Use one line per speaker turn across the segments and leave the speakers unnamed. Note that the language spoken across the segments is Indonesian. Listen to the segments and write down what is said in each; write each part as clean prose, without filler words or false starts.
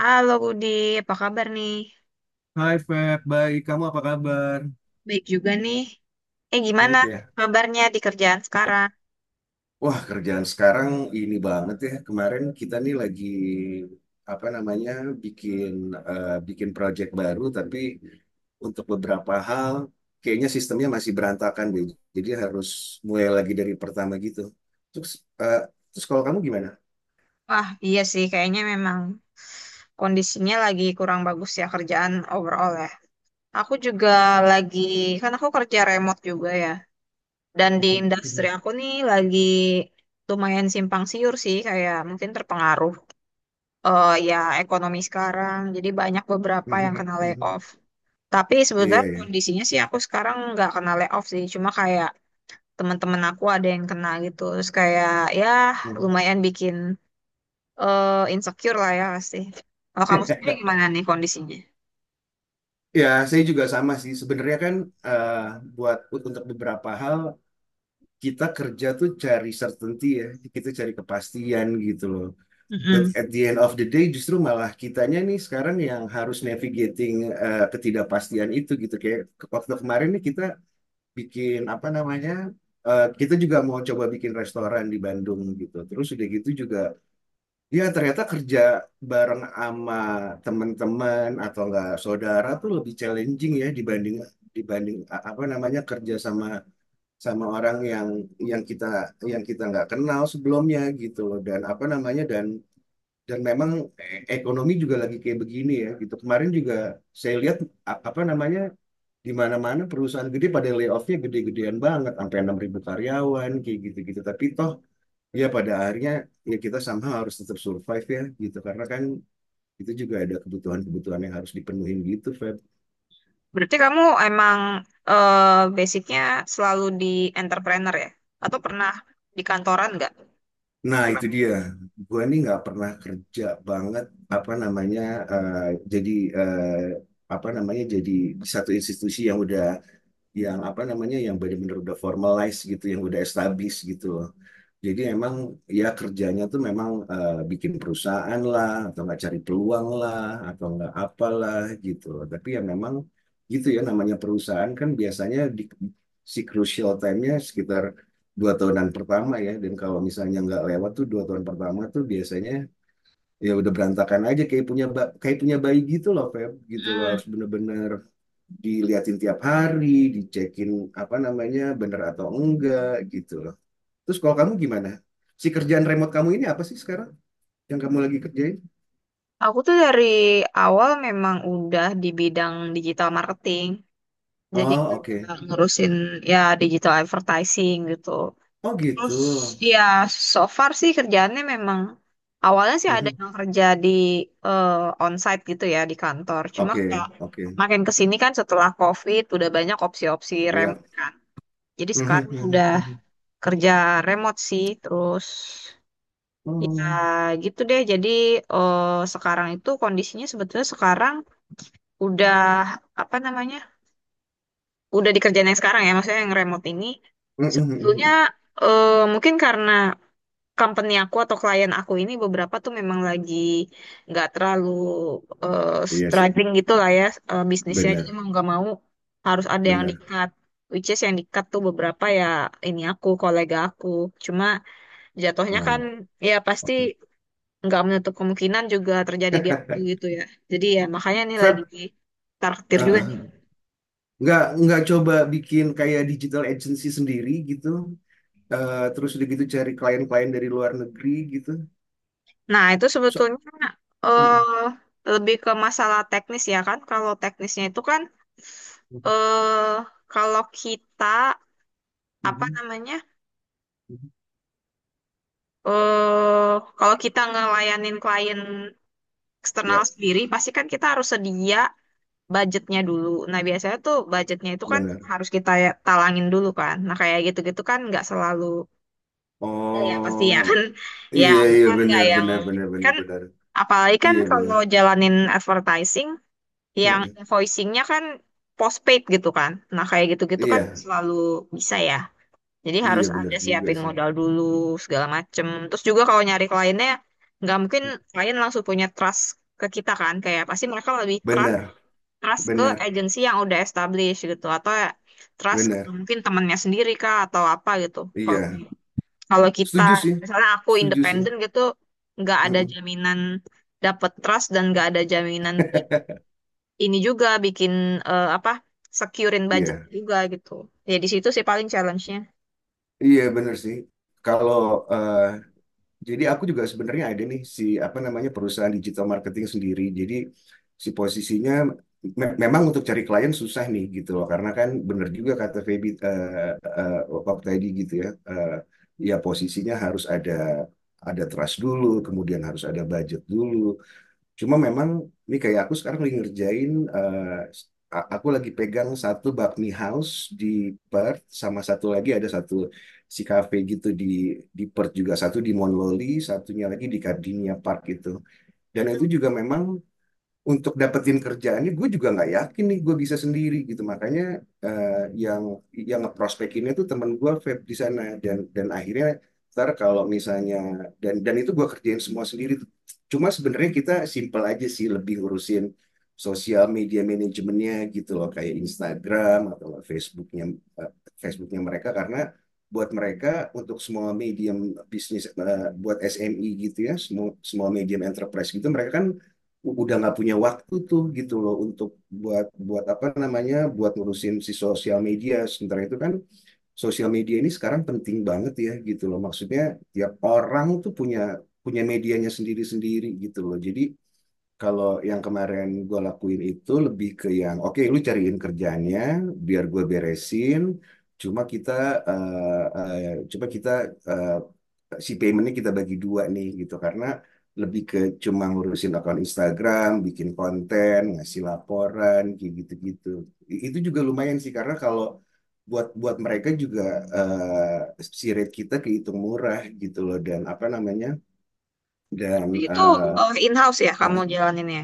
Halo Budi, apa kabar nih?
Hai Feb, baik. Kamu apa kabar?
Baik juga nih. Gimana
Baik ya?
kabarnya di kerjaan sekarang?
Wah, kerjaan sekarang ini banget ya. Kemarin kita nih lagi apa namanya bikin bikin project baru, tapi untuk beberapa hal kayaknya sistemnya masih berantakan deh. Jadi harus mulai lagi dari pertama gitu. Terus, eh, terus, kalau kamu gimana?
Wah, iya sih kayaknya memang kondisinya lagi kurang bagus ya, kerjaan overall ya. Aku juga lagi, kan aku kerja remote juga ya. Dan di
Mhm,
industri
mhm,
aku nih lagi lumayan simpang siur sih, kayak mungkin terpengaruh ya ekonomi sekarang. Jadi banyak beberapa yang
mhm,
kena
mhm.
layoff. Tapi sebetulnya
Iya ya.
kondisinya sih aku sekarang nggak kena layoff sih, cuma kayak teman-teman aku ada yang kena gitu terus kayak ya
Mhm.
lumayan bikin eh, insecure lah ya pasti. Kalau kamu sendiri gimana nih kondisinya?
Ya, saya juga sama sih. Sebenarnya kan eh, buat untuk beberapa hal kita kerja tuh cari certainty ya, kita cari kepastian gitu loh. But
Mm-mm.
at the end of the day justru malah kitanya nih sekarang yang harus navigating ketidakpastian itu gitu. Kayak waktu kemarin nih kita bikin apa namanya, kita juga mau coba bikin restoran di Bandung gitu. Terus udah gitu juga, ya ternyata kerja bareng sama teman-teman atau enggak saudara tuh lebih challenging ya dibanding dibanding a- apa namanya kerja sama sama orang yang kita yang kita nggak kenal sebelumnya gitu loh dan apa namanya dan memang ekonomi juga lagi kayak begini ya gitu kemarin juga saya lihat apa namanya di mana-mana perusahaan gede pada layoffnya gede-gedean banget sampai 6.000 karyawan kayak gitu-gitu tapi toh ya pada akhirnya ya kita sama harus tetap survive ya gitu karena kan itu juga ada kebutuhan-kebutuhan yang harus dipenuhin gitu Fe.
Berarti kamu emang basicnya selalu di entrepreneur ya, atau pernah di kantoran nggak?
Nah, itu dia. Gue nih nggak pernah kerja banget apa namanya eh, jadi eh, apa namanya jadi di satu institusi yang udah yang apa namanya yang benar-benar udah formalize gitu yang udah established gitu loh. Jadi emang ya kerjanya tuh memang bikin perusahaan lah atau nggak cari peluang lah atau nggak apalah gitu. Tapi ya memang gitu ya namanya perusahaan kan biasanya di, si crucial time-nya sekitar 2 tahunan pertama ya dan kalau misalnya nggak lewat tuh 2 tahun pertama tuh biasanya ya udah berantakan aja kayak punya bayi gitu loh Feb gitu loh
Hmm.
harus bener-bener diliatin tiap hari, dicekin apa namanya bener atau enggak gitu loh. Terus kalau kamu gimana? Si kerjaan remote kamu ini apa sih sekarang yang kamu lagi kerjain?
Aku tuh dari awal memang udah di bidang digital marketing, jadi
Oh, oke.
kayak ngurusin ya digital advertising gitu.
Oh, gitu.
Terus ya so far sih kerjaannya memang awalnya sih ada
Mhm.
yang kerja di eh, onsite gitu ya di kantor. Cuma kayak
Oke, oke.
makin ke sini kan setelah COVID udah banyak opsi-opsi
Iya.
remote kan. Jadi
Mhm,
sekarang
mhm,
udah
mhm.
kerja remote sih, terus ya
Oh.
gitu deh. Jadi eh, sekarang itu kondisinya sebetulnya sekarang udah apa namanya? Udah dikerjain yang sekarang ya, maksudnya yang remote ini
Mhm, mhm, mhm.
sebetulnya
mhm.
mungkin karena company aku atau klien aku ini beberapa tuh memang lagi nggak terlalu eh,
Iya sih.
struggling gitu lah ya, bisnisnya. Jadi
Benar,
mau nggak mau harus ada yang
benar.
di-cut. Which is yang di-cut tuh beberapa ya, ini aku, kolega aku. Cuma jatuhnya
Oh,
kan ya pasti
oke.
nggak menutup kemungkinan juga terjadi di aku gitu ya. Jadi ya makanya ini lagi
Feb,
di juga.
uh-uh. Nggak coba bikin kayak digital agency sendiri gitu. Terus udah gitu cari klien-klien dari luar negeri gitu.
Nah, itu
So,
sebetulnya
mm-mm.
eh lebih ke masalah teknis ya kan. Kalau teknisnya itu kan
Mhm,
eh kalau kita apa
mhm,
namanya?
mhm.
eh Kalau kita ngelayanin klien eksternal
Ya,
sendiri, pasti kan kita harus sedia budgetnya dulu. Nah, biasanya tuh budgetnya itu kan
benar.
harus kita ya- talangin dulu kan. Nah, kayak gitu-gitu kan nggak selalu ada ya pasti ya kan.
Oh,
Ya,
iya,
aku
iya,
kan nggak
benar,
yang
benar, benar, benar,
kan
benar.
apalagi kan
Iya, benar.
kalau jalanin advertising yang
Mhm.
invoicingnya kan postpaid gitu kan. Nah, kayak gitu-gitu kan nggak
Iya,
selalu bisa ya. Jadi
iya
harus
benar
ada
juga
siapin
sih.
modal dulu, segala macem. Terus juga kalau nyari kliennya, nggak mungkin klien langsung punya trust ke kita kan. Kayak pasti mereka lebih trust,
Benar,
trust ke
benar,
agensi yang udah established gitu. Atau ya trust ke
benar.
mungkin temennya sendiri kah atau apa gitu. Kalau
Iya.
kalau kita,
Setuju sih.
misalnya aku
Setuju sih.
independen gitu, nggak ada
Mhm.
jaminan dapat trust, dan nggak ada jaminan ini juga bikin eh, apa securein budget
Iya,
juga gitu. Ya di situ sih paling challenge-nya.
iya benar sih. Kalau eh, Jadi aku juga sebenarnya ada nih si apa namanya perusahaan digital marketing sendiri. Jadi si posisinya memang untuk cari klien susah nih gitu loh karena kan bener juga kata Feby eh, waktu tadi gitu ya. Ya posisinya harus ada trust dulu, kemudian harus ada budget dulu. Cuma memang ini kayak aku sekarang lagi ngerjain eh, aku lagi pegang satu bakmi house di Perth sama satu lagi ada satu si cafe gitu di Perth juga, satu di Monloli, satunya lagi di Gardenia Park gitu. Dan itu juga memang untuk dapetin kerjaan ini, gue juga nggak yakin nih gue bisa sendiri gitu makanya eh, yang yang ngeprospekinnya tuh teman gue vape di sana dan akhirnya ntar kalau misalnya dan itu gue kerjain semua sendiri, cuma sebenarnya kita simple aja sih lebih ngurusin sosial media manajemennya gitu loh kayak Instagram atau nggak eh, Facebooknya mereka karena buat mereka untuk semua medium bisnis, buat SME gitu ya, semua semua medium enterprise gitu mereka kan udah nggak punya waktu tuh gitu loh untuk buat buat apa namanya buat ngurusin si sosial media sementara itu kan sosial media ini sekarang penting banget ya gitu loh maksudnya tiap orang tuh punya punya medianya sendiri-sendiri gitu loh. Jadi kalau yang kemarin gue lakuin itu lebih ke yang oke lu cariin kerjanya biar gue beresin, cuma kita coba kita eh, si paymentnya kita bagi dua nih gitu karena lebih ke cuma ngurusin akun Instagram, bikin konten, ngasih laporan, kayak gitu-gitu. Itu juga lumayan sih karena kalau buat buat mereka juga si rate kita kehitung murah gitu loh dan apa namanya dan
Berarti itu
eh,
in-house ya
eh,
kamu jalaninnya.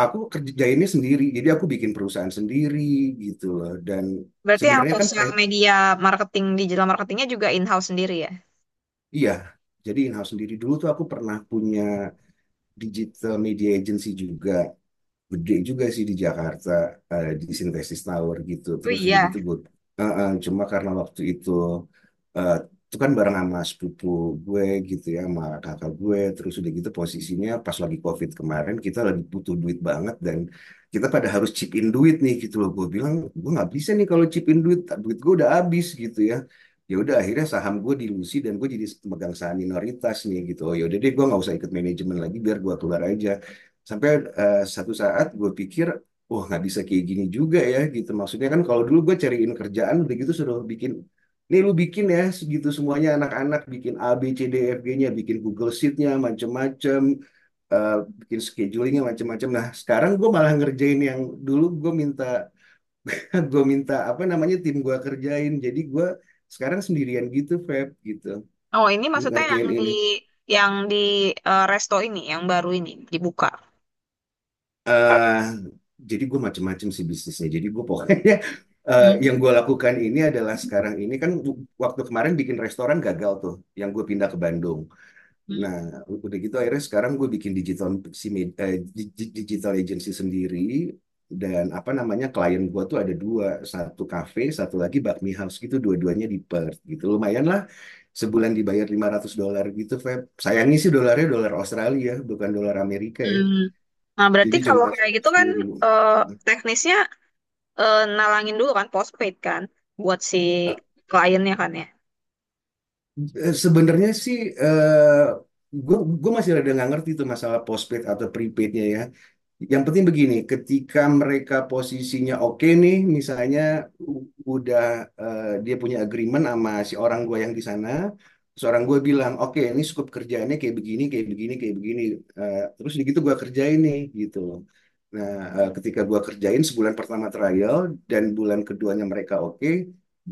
aku kerjainnya sendiri, jadi aku bikin perusahaan sendiri gitu loh dan
Berarti yang
sebenarnya kan
sosial media marketing, digital marketingnya juga in-house sendiri ya?
iya jadi in-house sendiri. Dulu tuh aku pernah punya digital media agency juga, gede juga sih di Jakarta, di Sintesis Tower gitu
Oh
terus udah
iya.
gitu gue cuma karena waktu itu, eh, itu kan bareng sama sepupu gue gitu ya, sama kakak gue. Terus udah gitu posisinya pas lagi COVID kemarin kita lagi butuh duit banget dan kita pada harus chip in duit nih gitu loh. Gue bilang gue nggak bisa nih kalau chip in duit, duit gue udah habis gitu ya. Ya udah akhirnya saham gue dilusi dan gue jadi megang saham minoritas nih gitu. Oh ya udah deh gue nggak usah ikut manajemen lagi biar gue keluar aja. Sampai satu saat gue pikir, wah nggak bisa kayak gini juga ya gitu. Maksudnya kan kalau dulu gue cariin kerjaan udah gitu suruh bikin, nih lu bikin ya segitu semuanya, anak-anak bikin A B C D E, F G-nya, bikin Google Sheet-nya macem-macem, eh, bikin scheduling-nya macem-macem. Nah sekarang gue malah ngerjain yang dulu gue minta, gue minta apa namanya tim gue kerjain. Jadi gue sekarang sendirian gitu, Feb, gitu
Oh ini maksudnya
ngerjain ini.
yang di resto ini yang baru ini dibuka.
eh jadi gue macem-macem sih bisnisnya. Jadi gue pokoknya yang gue
Hmm.
lakukan ini adalah sekarang ini kan waktu kemarin bikin restoran gagal tuh, yang gue pindah ke Bandung.
Hmm.
Nah udah gitu akhirnya sekarang gue bikin digital si med- eh, di- digital agency sendiri dan apa namanya klien gue tuh ada dua, satu cafe, satu lagi bakmi house gitu, dua-duanya di Perth gitu. Lumayan lah, sebulan dibayar 500 dolar gitu, Feb. Sayangnya sih dolarnya dolar Australia, bukan dolar Amerika ya.
Hmm. Nah berarti
Jadi
kalau
cuma
kayak gitu kan
10.000.
eh,
Nah,
teknisnya nalangin dulu kan, postpaid kan buat si kliennya kan ya.
sebenarnya sih eh gue gue masih rada nggak ngerti tuh masalah postpaid atau prepaidnya ya. Yang penting begini, ketika mereka posisinya oke nih, misalnya u- udah dia punya agreement sama si orang gue yang di sana. Seorang orang gue bilang, oke ini scope kerjaannya kayak begini, kayak begini, kayak begini. Terus udah gitu gue kerjain nih gitu loh. Nah, ketika gue kerjain sebulan pertama trial dan bulan keduanya mereka oke,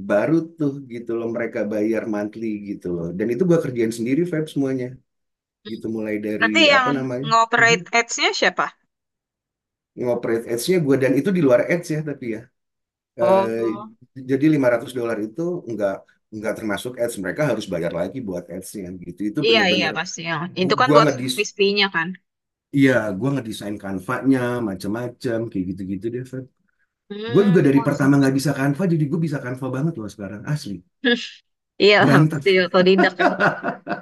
baru tuh gitu loh mereka bayar monthly gitu loh dan itu gua kerjain sendiri Feb semuanya gitu mulai dari
Berarti yang
apa namanya mhm,
ngoperate ads-nya siapa?
ngoperate ads-nya gua, dan itu di luar ads ya tapi ya. Eh,
Oh,
jadi 500 dolar itu nggak nggak termasuk ads, mereka harus bayar lagi buat ads-nya gitu. Itu
iya iya
bener-bener
pasti, yang itu
gu-
kan
gua
buat
ngedis
service fee-nya kan.
iya gua ngedesain Canva-nya macam-macam kayak gitu-gitu deh Feb. Gue
Hmm,
juga dari
oh,
pertama
seru,
nggak
seru.
bisa Canva, jadi gue bisa Canva banget loh sekarang, asli.
Iya lah,
Berantem.
pasti otodidak kan.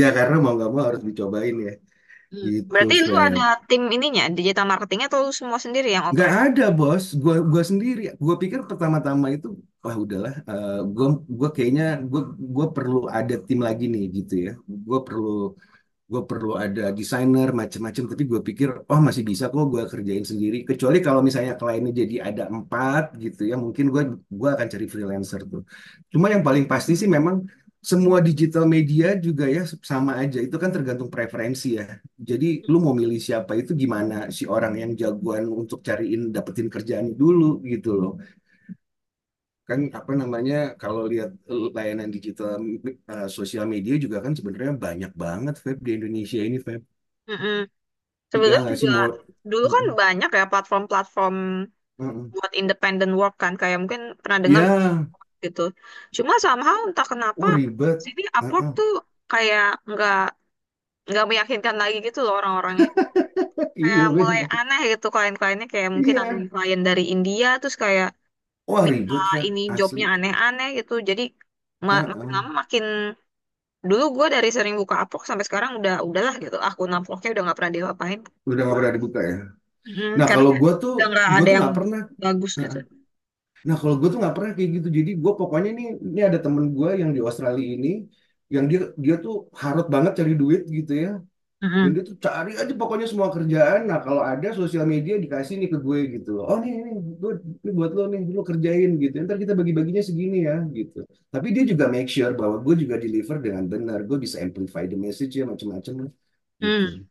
Ya karena mau nggak mau harus dicobain ya.
Hmm.
Gitu,
Berarti lu
Feb.
ada tim ininya, digital marketingnya, atau lu semua sendiri yang
Nggak
operate?
ada, bos. Gua sendiri. Gua pikir pertama-tama itu, wah udahlah. Gua kayaknya, gua, gua perlu ada tim lagi nih, gitu ya. Gua perlu gue perlu ada desainer macam-macam, tapi gue pikir oh masih bisa kok gue kerjain sendiri kecuali kalau misalnya kliennya jadi ada empat gitu ya mungkin gue akan cari freelancer tuh. Cuma yang paling pasti sih memang semua digital media juga ya sama aja, itu kan tergantung preferensi ya. Jadi lu mau milih siapa itu gimana si orang yang jagoan untuk cariin dapetin kerjaan dulu gitu loh, kan apa namanya kalau lihat layanan digital, sosial media juga kan sebenarnya banyak banget Feb di Indonesia ini Feb.
Mm-mm.
Ya
Sebetulnya
nggak sih
juga
mau.
dulu kan
Mm-mm.
banyak ya platform-platform
Mm-mm.
buat independent work kan, kayak mungkin pernah dengar
Iya,
gitu. Cuma somehow entah kenapa
oh ribet.
sini Upwork
Heeh.
tuh kayak nggak meyakinkan lagi gitu loh orang-orangnya. Kayak
Iya
mulai
benar.
aneh gitu klien-kliennya, kayak mungkin ada
Iya.
yang klien dari India terus kayak
Wah
minta
ribet Fer,
ini
asli.
jobnya aneh-aneh gitu. Jadi makin lama
Heeh.
makin dulu gue dari sering buka Upwork sampai sekarang udah udahlah gitu, akun Upworknya udah nggak pernah diapa-apain.
Udah nggak pernah dibuka ya.
Mm,
Nah
karena
kalau gue tuh,
udah nggak
gue
ada
tuh
yang
nggak pernah.
bagus gitu.
Heeh. Nah kalau gue tuh nggak pernah kayak gitu. Jadi gue pokoknya nih, ini ada temen gue yang di Australia ini, yang dia dia tuh harut banget cari duit gitu ya. Dan
Mm-mm.
dia tuh cari aja pokoknya semua kerjaan. Nah, kalau ada sosial media dikasih nih ke gue gitu loh. Oh, nih, nih, gue, ini buat lo nih, lo kerjain gitu. Ntar kita bagi-baginya segini ya gitu. Tapi dia juga make sure bahwa gue juga deliver dengan benar. Gue bisa amplify the message ya macam-macam gitu.
Hmm,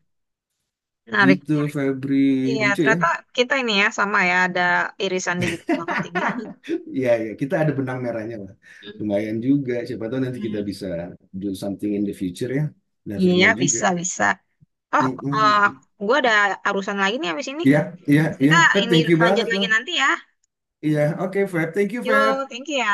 menarik
Gitu,
menarik,
Febri.
iya
Lucu ya?
ternyata kita ini ya sama ya, ada irisan digital marketing.
Ya, ya, kita ada benang merahnya lah.
Hmm.
Lumayan juga. Siapa tahu nanti kita bisa do something in the future ya. Never
Iya,
know juga.
bisa, bisa. Oh,
Mm, mm,
eh,
mm.
gue ada urusan lagi nih habis ini.
Iya, iya, iya.
Kita
Feb,
ini
thank you
lanjut
banget
lagi
lah.
nanti ya.
Iya, oke Feb. Thank you
Yuk,
Feb.
thank you ya.